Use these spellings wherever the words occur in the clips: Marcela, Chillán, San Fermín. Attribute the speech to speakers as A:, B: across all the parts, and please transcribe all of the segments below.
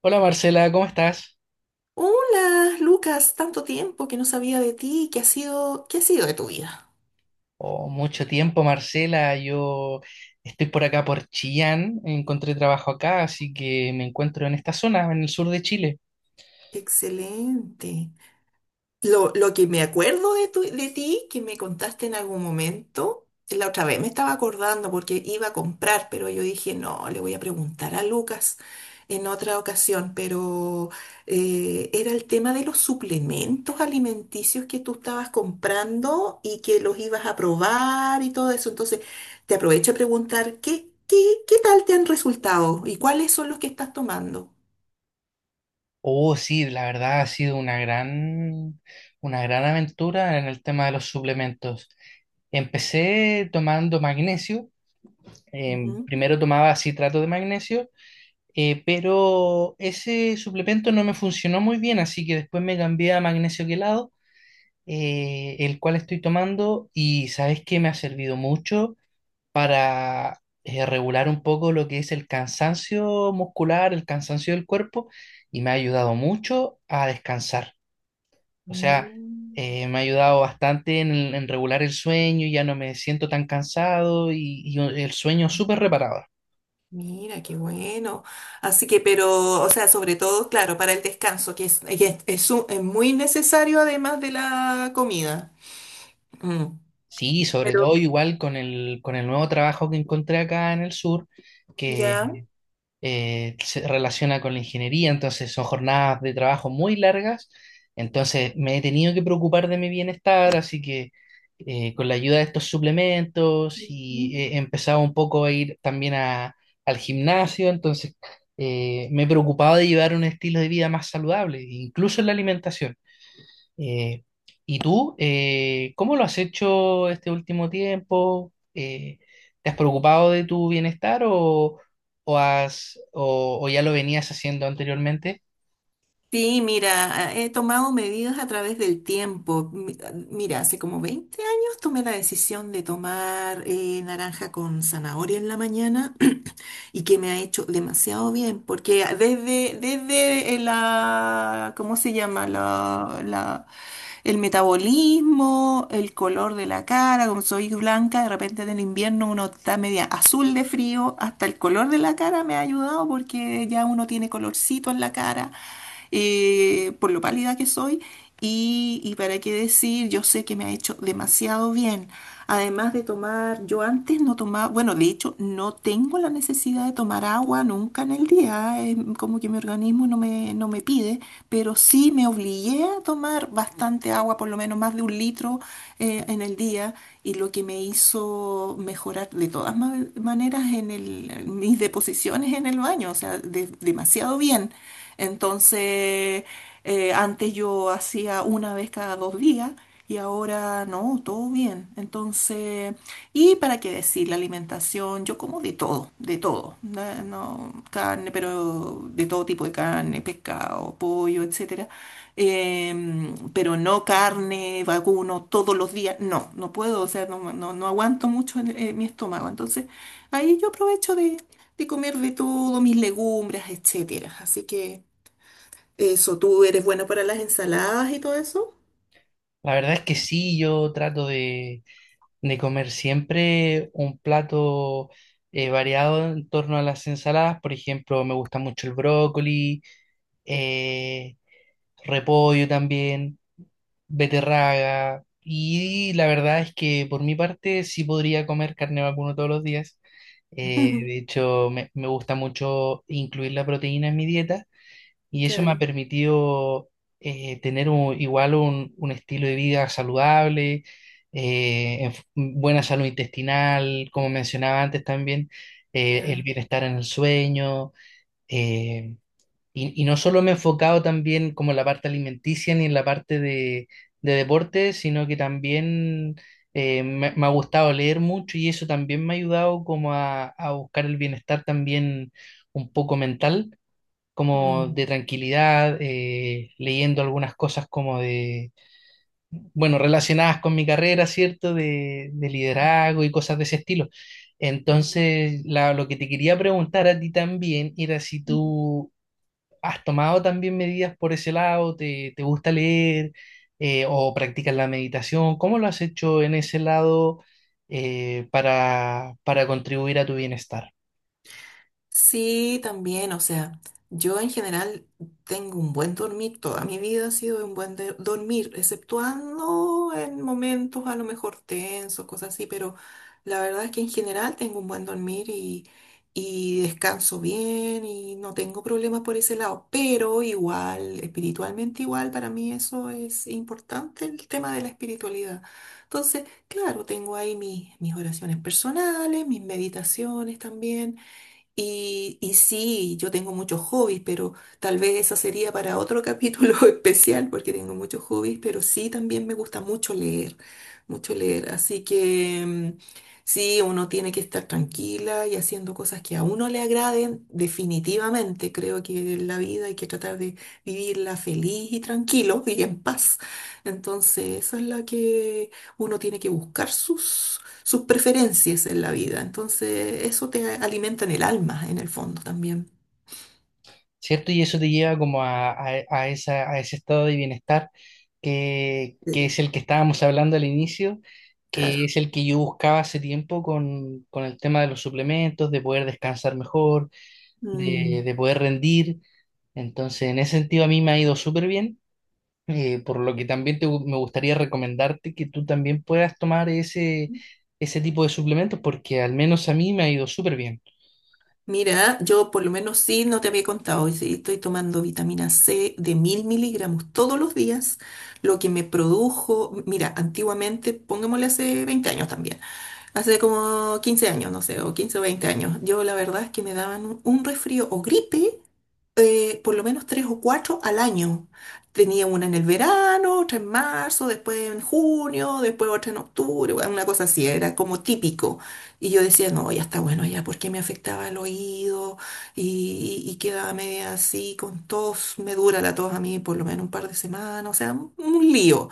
A: Hola, Marcela, ¿cómo estás?
B: Hola, Lucas, tanto tiempo que no sabía de ti, qué ha sido de tu vida?
A: Oh, mucho tiempo, Marcela. Yo estoy por acá por Chillán, encontré trabajo acá, así que me encuentro en esta zona, en el sur de Chile.
B: Excelente. Lo que me acuerdo de, de ti, que me contaste en algún momento, la otra vez me estaba acordando porque iba a comprar, pero yo dije, no, le voy a preguntar a Lucas en otra ocasión, pero era el tema de los suplementos alimenticios que tú estabas comprando y que los ibas a probar y todo eso. Entonces, te aprovecho a preguntar, qué tal te han resultado y cuáles son los que estás tomando?
A: Oh, sí, la verdad ha sido una gran aventura en el tema de los suplementos. Empecé tomando magnesio.
B: Ujú.
A: Primero tomaba citrato de magnesio, pero ese suplemento no me funcionó muy bien, así que después me cambié a magnesio quelado, el cual estoy tomando, y sabes que me ha servido mucho para, regular un poco lo que es el cansancio muscular, el cansancio del cuerpo, y me ha ayudado mucho a descansar. O sea, me ha ayudado bastante en regular el sueño. Ya no me siento tan cansado, y el sueño
B: Mm.
A: súper reparador.
B: Mira, qué bueno. Así que, pero, o sea, sobre todo, claro, para el descanso, que es muy necesario además de la comida. Mm.
A: Sí, sobre
B: Pero,
A: todo igual con el nuevo trabajo que encontré acá en el sur, que
B: ¿ya?
A: se relaciona con la ingeniería. Entonces son jornadas de trabajo muy largas, entonces me he tenido que preocupar de mi bienestar, así que con la ayuda de estos suplementos, y he empezado un poco a ir también a- al gimnasio. Entonces, me he preocupado de llevar un estilo de vida más saludable, incluso en la alimentación. Eh, ¿Y tú, cómo lo has hecho este último tiempo? ¿Te has preocupado de tu bienestar, o has, o ya lo venías haciendo anteriormente?
B: Sí, mira, he tomado medidas a través del tiempo. Mira, hace como 20 años tomé la decisión de tomar naranja con zanahoria en la mañana y que me ha hecho demasiado bien, porque desde, la, ¿cómo se llama? La, el metabolismo, el color de la cara, como soy blanca, de repente en el invierno uno está media azul de frío, hasta el color de la cara me ha ayudado porque ya uno tiene colorcito en la cara, por lo pálida que soy. Y para qué decir, yo sé que me ha hecho demasiado bien. Además de tomar, yo antes no tomaba, bueno, de hecho no tengo la necesidad de tomar agua nunca en el día, como que mi organismo no me, no me pide, pero sí me obligué a tomar bastante agua, por lo menos más de un litro en el día, y lo que me hizo mejorar de todas maneras en en mis deposiciones en el baño, o sea, demasiado bien. Entonces, antes yo hacía una vez cada 2 días. Y ahora no, todo bien. Entonces, ¿y para qué decir? La alimentación, yo como de todo, de todo. No, carne, pero de todo tipo de carne, pescado, pollo, etcétera. Pero no carne, vacuno, todos los días. No, no puedo, o sea, no aguanto mucho en mi estómago. Entonces, ahí yo aprovecho de comer de todo, mis legumbres, etcétera. Así que eso, ¿tú eres buena para las ensaladas y todo eso?
A: La verdad es que sí, yo trato de comer siempre un plato variado en torno a las ensaladas. Por ejemplo, me gusta mucho el brócoli, eh, repollo también, beterraga. Y la verdad es que por mi parte sí podría comer carne de vacuno todos los días. De hecho, me gusta mucho incluir la proteína en mi dieta, y eso me ha
B: Claro.
A: permitido tener un- igual un estilo de vida saludable, en f- buena salud intestinal, como mencionaba antes también, el
B: Claro.
A: bienestar en el sueño. eh, y, y no solo me he enfocado también como en la parte alimenticia ni en la parte de deporte, sino que también me, me ha gustado leer mucho, y eso también me ha ayudado como a buscar el bienestar también un poco mental, como de
B: Mm,
A: tranquilidad, leyendo algunas cosas como de, bueno, relacionadas con mi carrera, ¿cierto? De
B: mm,
A: liderazgo y cosas de ese estilo.
B: claro.
A: Entonces, la- lo que te quería preguntar a ti también era si tú ¿has tomado también medidas por ese lado? ¿Te, te gusta leer, o practicas la meditación? ¿Cómo lo has hecho en ese lado, para contribuir a tu bienestar?
B: Sí, también, o sea, yo en general tengo un buen dormir, toda mi vida ha sido de un buen dormir, exceptuando en momentos a lo mejor tensos, cosas así, pero la verdad es que en general tengo un buen dormir y, descanso bien y no tengo problemas por ese lado, pero igual, espiritualmente igual, para mí eso es importante, el tema de la espiritualidad. Entonces, claro, tengo ahí mis oraciones personales, mis meditaciones también. Y sí, yo tengo muchos hobbies, pero tal vez eso sería para otro capítulo especial, porque tengo muchos hobbies, pero sí también me gusta mucho leer, mucho leer. Así que sí, uno tiene que estar tranquila y haciendo cosas que a uno le agraden, definitivamente. Creo que en la vida hay que tratar de vivirla feliz y tranquilo y en paz. Entonces, eso es lo que uno tiene que buscar sus preferencias en la vida. Entonces, eso te alimenta en el alma, en el fondo también.
A: ¿Cierto? Y eso te lleva como a esa, a ese estado de bienestar
B: Sí.
A: que es el que estábamos hablando al inicio, que
B: Claro.
A: es el que yo buscaba hace tiempo con el tema de los suplementos, de poder descansar mejor,
B: Mm.
A: de poder rendir. Entonces, en ese sentido a mí me ha ido súper bien. Por lo que también te gu- me gustaría recomendarte que tú también puedas tomar ese, ese tipo de suplementos, porque al menos a mí me ha ido súper bien.
B: Mira, yo por lo menos sí, no te había contado, y sí, estoy tomando vitamina C de 1000 mg todos los días, lo que me produjo, mira, antiguamente, pongámosle hace 20 años también, hace como 15 años, no sé, o 15 o 20 años, yo la verdad es que me daban un resfrío o gripe por lo menos tres o cuatro al año. Tenía una en el verano, otra en marzo, después en junio, después otra en octubre, bueno, una cosa así, era como típico. Y yo decía, no, ya está bueno, ya, porque me afectaba el oído y, quedaba media así con tos, me dura la tos a mí por lo menos un par de semanas, o sea, un lío.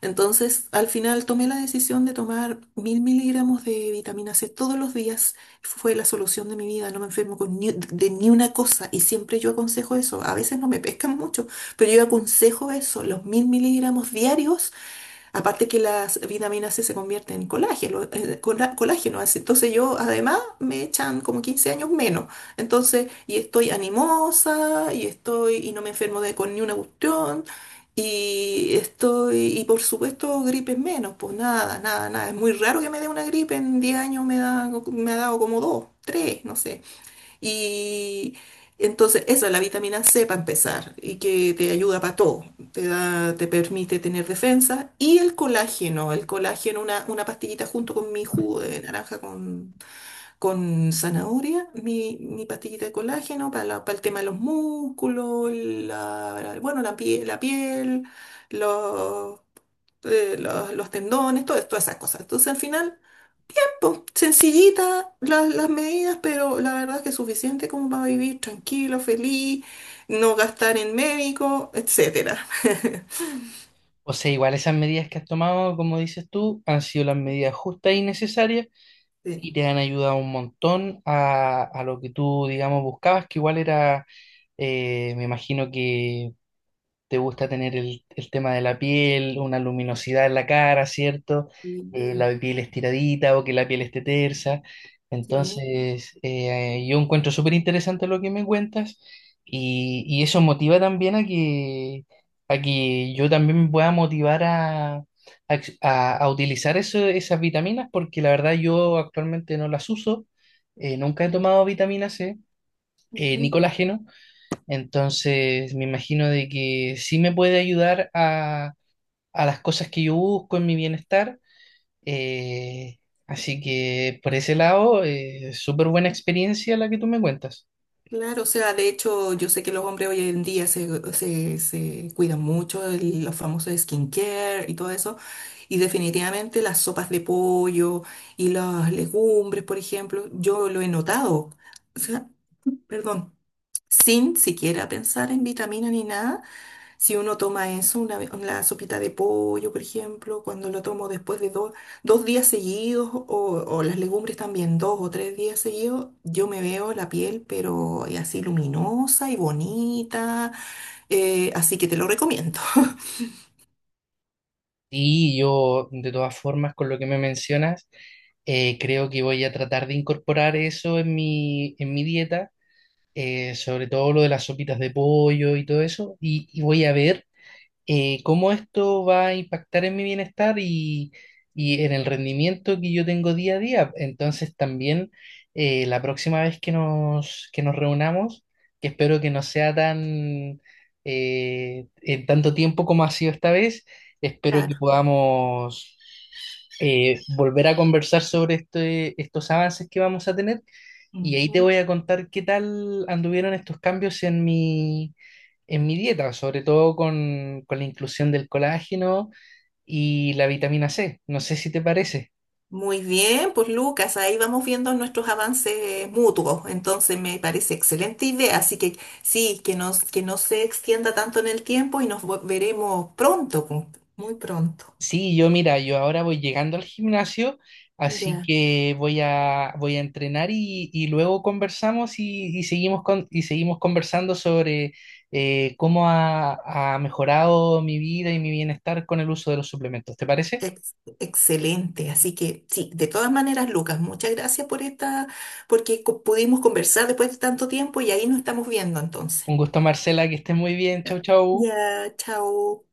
B: Entonces, al final tomé la decisión de tomar 1000 mg de vitamina C todos los días. Fue la solución de mi vida. No me enfermo con de ni una cosa. Y siempre yo aconsejo eso. A veces no me pescan mucho, pero yo aconsejo eso. Los 1000 mg diarios. Aparte que las vitaminas C se convierten en colágeno, colágeno, así. Entonces yo además me echan como 15 años menos. Entonces, y estoy animosa, y no me enfermo de con ni una cuestión, y por supuesto gripes menos, pues nada, nada, nada. Es muy raro que me dé una gripe, en 10 años me ha dado como dos, tres, no sé. Y entonces, esa es la vitamina C para empezar, y que te ayuda para todo. Te permite tener defensa. Y el colágeno, una pastillita junto con mi jugo de naranja con zanahoria, mi pastillita de colágeno para, para el tema de los músculos, la, bueno, la piel, los, los tendones, todo, todas esas cosas. Entonces, al final sencillita las medidas, pero la verdad es que es suficiente como para vivir tranquilo, feliz, no gastar en médico, etcétera.
A: O sea, igual esas medidas que has tomado, como dices tú, han sido las medidas justas y necesarias, y
B: Sí,
A: te han ayudado un montón a lo que tú, digamos, buscabas, que igual era, me imagino que te gusta tener el tema de la piel, una luminosidad en la cara, ¿cierto?
B: sí,
A: La piel estiradita, o que la piel esté tersa.
B: sí,
A: Entonces, yo encuentro súper interesante lo que me cuentas, y eso motiva también a que yo también me pueda motivar a ex- a utilizar eso- esas vitaminas, porque la verdad yo actualmente no las uso. Nunca he tomado vitamina C, ni
B: ujú.
A: colágeno. Entonces, me imagino de que sí me puede ayudar a las cosas que yo busco en mi bienestar. eh, Así que por ese lado, súper buena experiencia la que tú me cuentas.
B: Claro, o sea, de hecho, yo sé que los hombres hoy en día se cuidan mucho, los famosos skincare y todo eso, y definitivamente las sopas de pollo y las legumbres, por ejemplo, yo lo he notado. O sea, perdón, sin siquiera pensar en vitamina ni nada. Si uno toma eso, una sopita de pollo, por ejemplo, cuando lo tomo después de 2 días seguidos, o las legumbres también 2 o 3 días seguidos, yo me veo la piel, pero así luminosa y bonita. Así que te lo recomiendo.
A: Y yo, de todas formas, con lo que me mencionas, creo que voy a tratar de incorporar eso en mi dieta, sobre todo lo de las sopitas de pollo y todo eso. Y, y voy a ver cómo esto va a impactar en mi bienestar, y en el rendimiento que yo tengo día a día. Entonces también la próxima vez que nos reunamos, que espero que no sea tan en tanto tiempo como ha sido esta vez, espero que
B: Claro.
A: podamos volver a conversar sobre este- estos avances que vamos a tener, y ahí te
B: Ujú.
A: voy a contar qué tal anduvieron estos cambios en mi dieta, sobre todo con la inclusión del colágeno y la vitamina C. No sé si te parece.
B: Muy bien, pues Lucas, ahí vamos viendo nuestros avances mutuos. Entonces me parece excelente idea. Así que sí, que no se extienda tanto en el tiempo y nos veremos pronto, muy pronto.
A: Sí, yo mira, yo ahora voy llegando al gimnasio, así
B: Ya.
A: que voy a, voy a entrenar, y luego conversamos, y seguimos con, y seguimos conversando sobre cómo ha, ha mejorado mi vida y mi bienestar con el uso de los suplementos. ¿Te parece?
B: Ex- Excelente. Así que sí, de todas maneras, Lucas, muchas gracias por esta, porque pudimos conversar después de tanto tiempo y ahí nos estamos viendo entonces.
A: Un gusto, Marcela, que estés muy bien. Chau,
B: Ya,
A: chau.
B: ya, chao.